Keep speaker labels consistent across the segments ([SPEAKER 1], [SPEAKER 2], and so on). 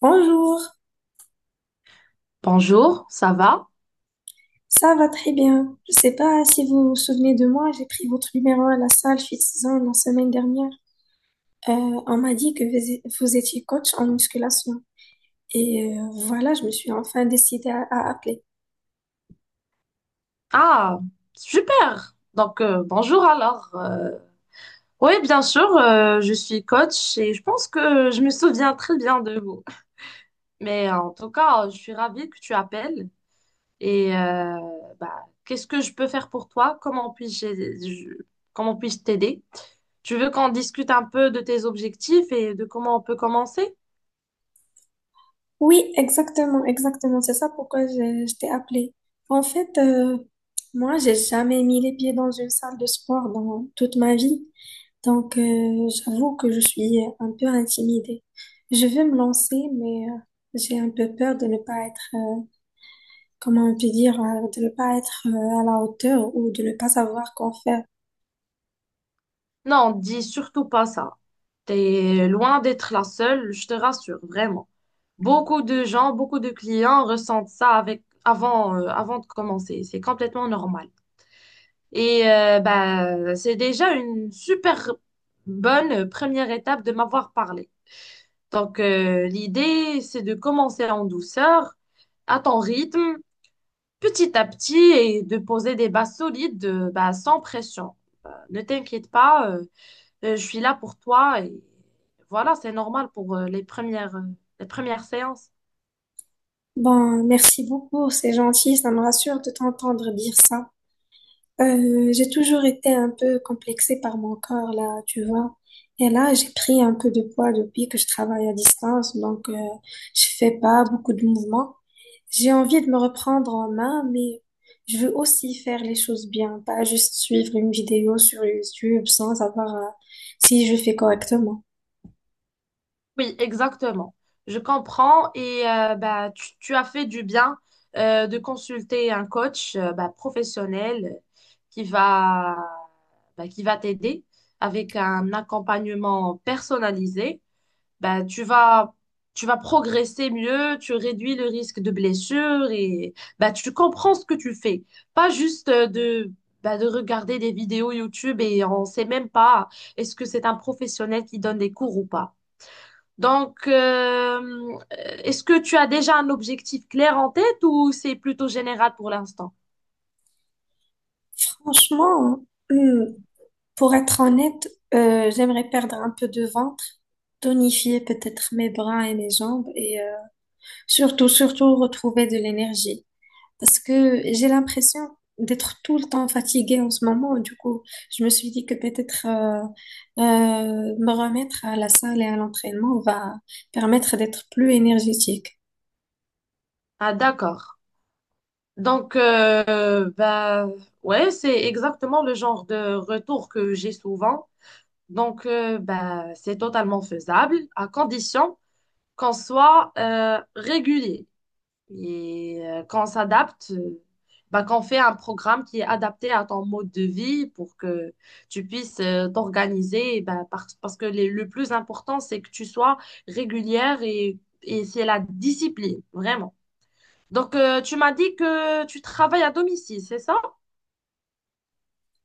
[SPEAKER 1] Bonjour,
[SPEAKER 2] Bonjour, ça va?
[SPEAKER 1] ça va très bien. Je sais pas si vous vous souvenez de moi, j'ai pris votre numéro à la salle Fit-Zone la semaine dernière. On m'a dit que vous vous étiez coach en musculation. Voilà, je me suis enfin décidée à appeler.
[SPEAKER 2] Ah, super. Donc, bonjour alors. Oui, bien sûr, je suis coach et je pense que je me souviens très bien de vous. Mais en tout cas, je suis ravie que tu appelles. Et qu'est-ce que je peux faire pour toi? Comment puis-je t'aider? Tu veux qu'on discute un peu de tes objectifs et de comment on peut commencer?
[SPEAKER 1] Oui, exactement, exactement. C'est ça pourquoi je t'ai appelée. En fait, moi, j'ai jamais mis les pieds dans une salle de sport dans toute ma vie. Donc, j'avoue que je suis un peu intimidée. Je veux me lancer, mais j'ai un peu peur de ne pas être, comment on peut dire, de ne pas être à la hauteur ou de ne pas savoir quoi faire.
[SPEAKER 2] Non, dis surtout pas ça. T'es loin d'être la seule, je te rassure, vraiment. Beaucoup de gens, beaucoup de clients ressentent ça avant, avant de commencer. C'est complètement normal. Et bah, c'est déjà une super bonne première étape de m'avoir parlé. Donc, l'idée, c'est de commencer en douceur, à ton rythme, petit à petit, et de poser des bases solides, bah, sans pression. Ne t'inquiète pas, je suis là pour toi et voilà, c'est normal pour les premières séances.
[SPEAKER 1] Bon, merci beaucoup, c'est gentil, ça me rassure de t'entendre dire ça. J'ai toujours été un peu complexée par mon corps, là, tu vois. Et là, j'ai pris un peu de poids depuis que je travaille à distance, donc je fais pas beaucoup de mouvements. J'ai envie de me reprendre en main, mais je veux aussi faire les choses bien, pas juste suivre une vidéo sur YouTube sans savoir si je fais correctement.
[SPEAKER 2] Oui, exactement. Je comprends et bah, tu as fait du bien de consulter un coach bah, professionnel qui va, bah, qui va t'aider avec un accompagnement personnalisé. Ben, tu vas progresser mieux, tu réduis le risque de blessure et ben, tu comprends ce que tu fais. Pas juste ben, de regarder des vidéos YouTube et on ne sait même pas est-ce que c'est un professionnel qui donne des cours ou pas. Donc, euh, est-ce que tu as déjà un objectif clair en tête ou c'est plutôt général pour l'instant?
[SPEAKER 1] Franchement, hum, pour être honnête, j'aimerais perdre un peu de ventre, tonifier peut-être mes bras et mes jambes et surtout, surtout retrouver de l'énergie. Parce que j'ai l'impression d'être tout le temps fatiguée en ce moment. Du coup, je me suis dit que peut-être me remettre à la salle et à l'entraînement va permettre d'être plus énergétique.
[SPEAKER 2] Ah, d'accord. Donc, ouais, c'est exactement le genre de retour que j'ai souvent. Donc, ben, c'est totalement faisable à condition qu'on soit régulier et qu'on s'adapte, ben, qu'on fait un programme qui est adapté à ton mode de vie pour que tu puisses t'organiser. Parce que le plus important, c'est que tu sois régulière et c'est la discipline, vraiment. Donc, tu m'as dit que tu travailles à domicile, c'est ça?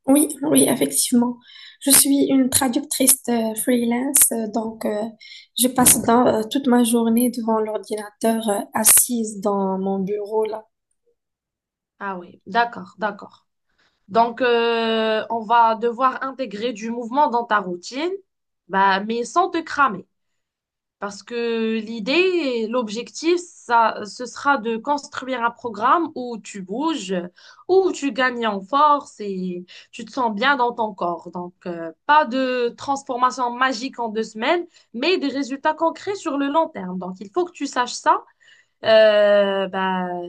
[SPEAKER 1] Oui, oui, effectivement. Je suis une traductrice freelance, donc je passe toute ma journée devant l'ordinateur, assise dans mon bureau là.
[SPEAKER 2] Ah oui, d'accord, d'accord. Donc, on va devoir intégrer du mouvement dans ta routine, bah, mais sans te cramer. Parce que l'idée, et l'objectif, ça, ce sera de construire un programme où tu bouges, où tu gagnes en force et tu te sens bien dans ton corps. Donc, pas de transformation magique en deux semaines, mais des résultats concrets sur le long terme. Donc, il faut que tu saches ça ben,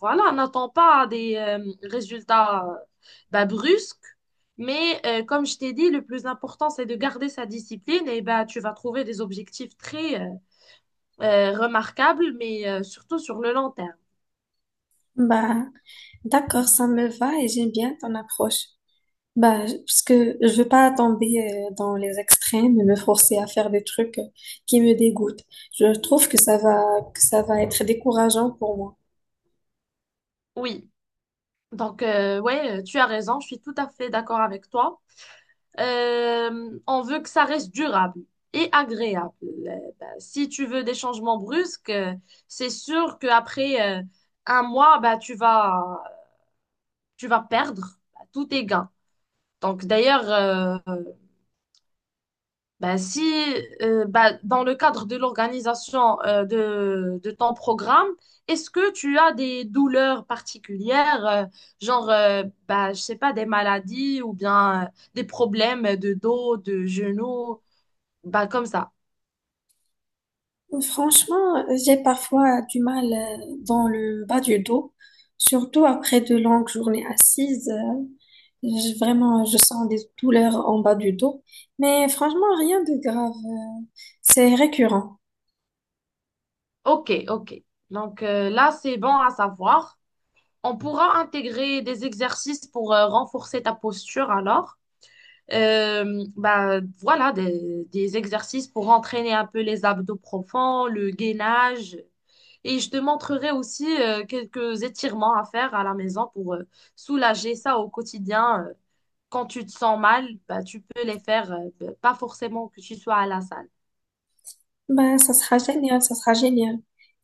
[SPEAKER 2] voilà, n'attends pas des résultats ben, brusques, mais comme je t'ai dit, le plus important, c'est de garder sa discipline et ben, tu vas trouver des objectifs très remarquables, mais surtout sur le long terme.
[SPEAKER 1] Bah, d'accord, ça me va et j'aime bien ton approche. Bah, parce que je veux pas tomber dans les extrêmes et me forcer à faire des trucs qui me dégoûtent. Je trouve que que ça va être décourageant pour moi.
[SPEAKER 2] Oui, donc ouais, tu as raison, je suis tout à fait d'accord avec toi. On veut que ça reste durable et agréable. Si tu veux des changements brusques, c'est sûr qu'après un mois, bah, tu vas perdre bah, tous tes gains. Donc d'ailleurs, bah, si bah, dans le cadre de l'organisation de ton programme, est-ce que tu as des douleurs particulières, genre, bah, je sais pas, des maladies ou bien des problèmes de dos, de genoux, bah, comme ça.
[SPEAKER 1] Franchement, j'ai parfois du mal dans le bas du dos, surtout après de longues journées assises. J'ai Vraiment, je sens des douleurs en bas du dos, mais franchement, rien de grave. C'est récurrent.
[SPEAKER 2] OK, OK. Donc là, c'est bon à savoir. On pourra intégrer des exercices pour renforcer ta posture alors. Bah, voilà, des exercices pour entraîner un peu les abdos profonds, le gainage. Et je te montrerai aussi quelques étirements à faire à la maison pour soulager ça au quotidien. Quand tu te sens mal, bah, tu peux les faire, pas forcément que tu sois à la salle.
[SPEAKER 1] Ben, ça sera génial, ça sera génial.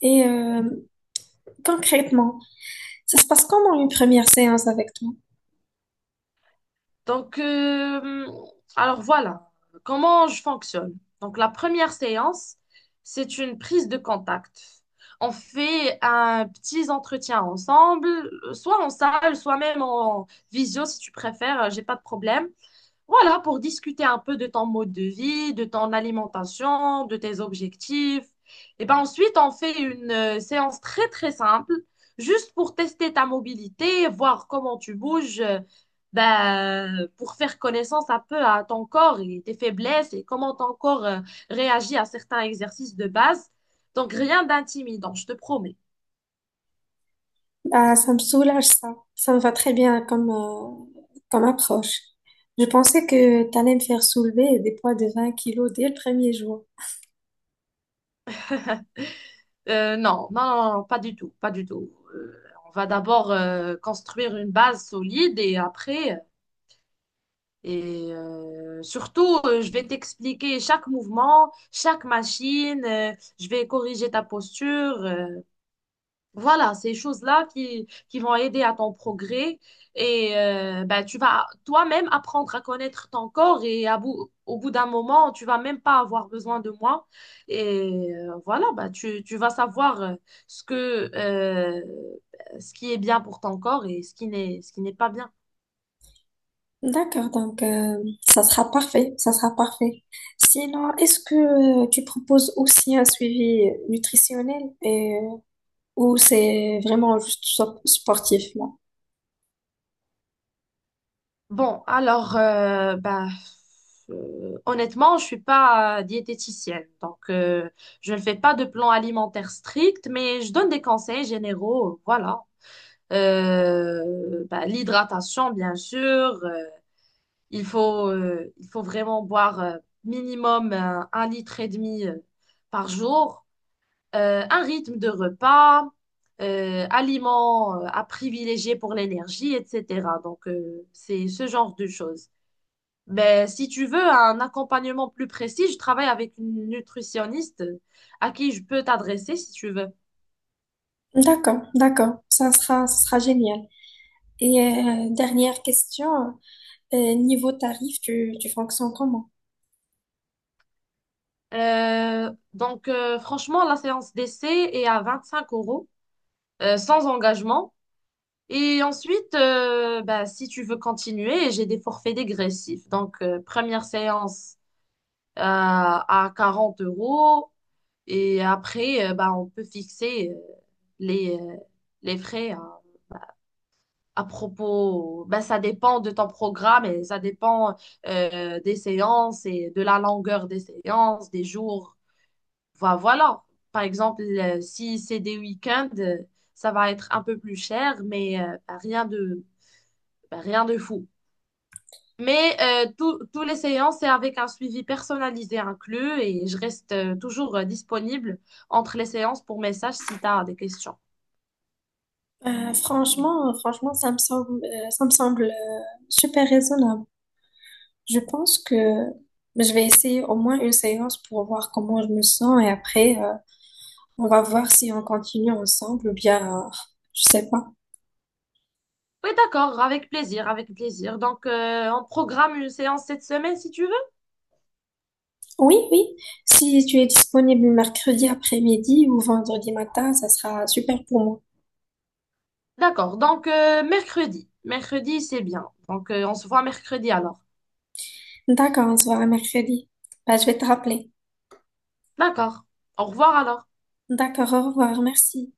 [SPEAKER 1] Et euh, Concrètement, ça se passe comment une première séance avec toi?
[SPEAKER 2] Donc, alors voilà, comment je fonctionne. Donc, la première séance, c'est une prise de contact. On fait un petit entretien ensemble, soit en salle, soit même en visio si tu préfères, j'ai pas de problème. Voilà, pour discuter un peu de ton mode de vie, de ton alimentation, de tes objectifs. Et ben ensuite, on fait une séance très très simple, juste pour tester ta mobilité, voir comment tu bouges, ben, pour faire connaissance un peu à ton corps et tes faiblesses et comment ton corps réagit à certains exercices de base. Donc rien d'intimidant, je te promets.
[SPEAKER 1] Bah, ça me soulage, ça. Ça me va très bien comme, comme approche. Je pensais que tu allais me faire soulever des poids de 20 kilos dès le premier jour.
[SPEAKER 2] Non, non, non, non, pas du tout, pas du tout. On va d'abord construire une base solide et après surtout, je vais t'expliquer chaque mouvement, chaque machine, je vais corriger ta posture. Voilà, ces choses-là qui vont aider à ton progrès. Et ben, tu vas toi-même apprendre à connaître ton corps et à au bout d'un moment, tu vas même pas avoir besoin de moi. Et voilà, ben, tu vas savoir ce que, euh, ce qui est bien pour ton corps et ce qui n'est pas bien.
[SPEAKER 1] D'accord, ça sera parfait, ça sera parfait. Sinon, est-ce que tu proposes aussi un suivi nutritionnel et ou c'est vraiment juste sportif, là?
[SPEAKER 2] Bon, alors, honnêtement, je suis pas diététicienne, donc je ne fais pas de plan alimentaire strict, mais je donne des conseils généraux, voilà. Bah, l'hydratation, bien sûr. euh, il faut vraiment boire minimum 1,5 litre par jour. Un rythme de repas, aliments à privilégier pour l'énergie, etc. Donc, c'est ce genre de choses. Ben, si tu veux un accompagnement plus précis, je travaille avec une nutritionniste à qui je peux t'adresser si tu veux.
[SPEAKER 1] D'accord, d'accord, ça sera génial. Dernière question, niveau tarif, tu fonctionnes comment?
[SPEAKER 2] Franchement, la séance d'essai est à 25 euros, sans engagement. Et ensuite, ben, si tu veux continuer, j'ai des forfaits dégressifs. Donc, première séance à 40 euros. Et après, ben, on peut fixer les, euh, les frais à propos, ben, ça dépend de ton programme et ça dépend des séances et de la longueur des séances, des jours. Voilà. Par exemple, si c'est des week-ends, ça va être un peu plus cher, mais ben, rien de fou. Mais tous les séances, c'est avec un suivi personnalisé inclus et je reste toujours disponible entre les séances pour messages si tu as des questions.
[SPEAKER 1] Franchement, franchement, ça me semble super raisonnable. Je pense que je vais essayer au moins une séance pour voir comment je me sens et après, on va voir si on continue ensemble ou bien, je sais pas.
[SPEAKER 2] Oui, d'accord, avec plaisir, avec plaisir. Donc, on programme une séance cette semaine si tu veux.
[SPEAKER 1] Oui, oui. Si tu es disponible mercredi après-midi ou vendredi matin, ça sera super pour moi.
[SPEAKER 2] D'accord. Donc, mercredi. Mercredi, c'est bien. Donc, on se voit mercredi alors.
[SPEAKER 1] D'accord, on se voit mercredi. Bah, je vais te rappeler.
[SPEAKER 2] D'accord. Au revoir alors.
[SPEAKER 1] D'accord, au revoir, merci.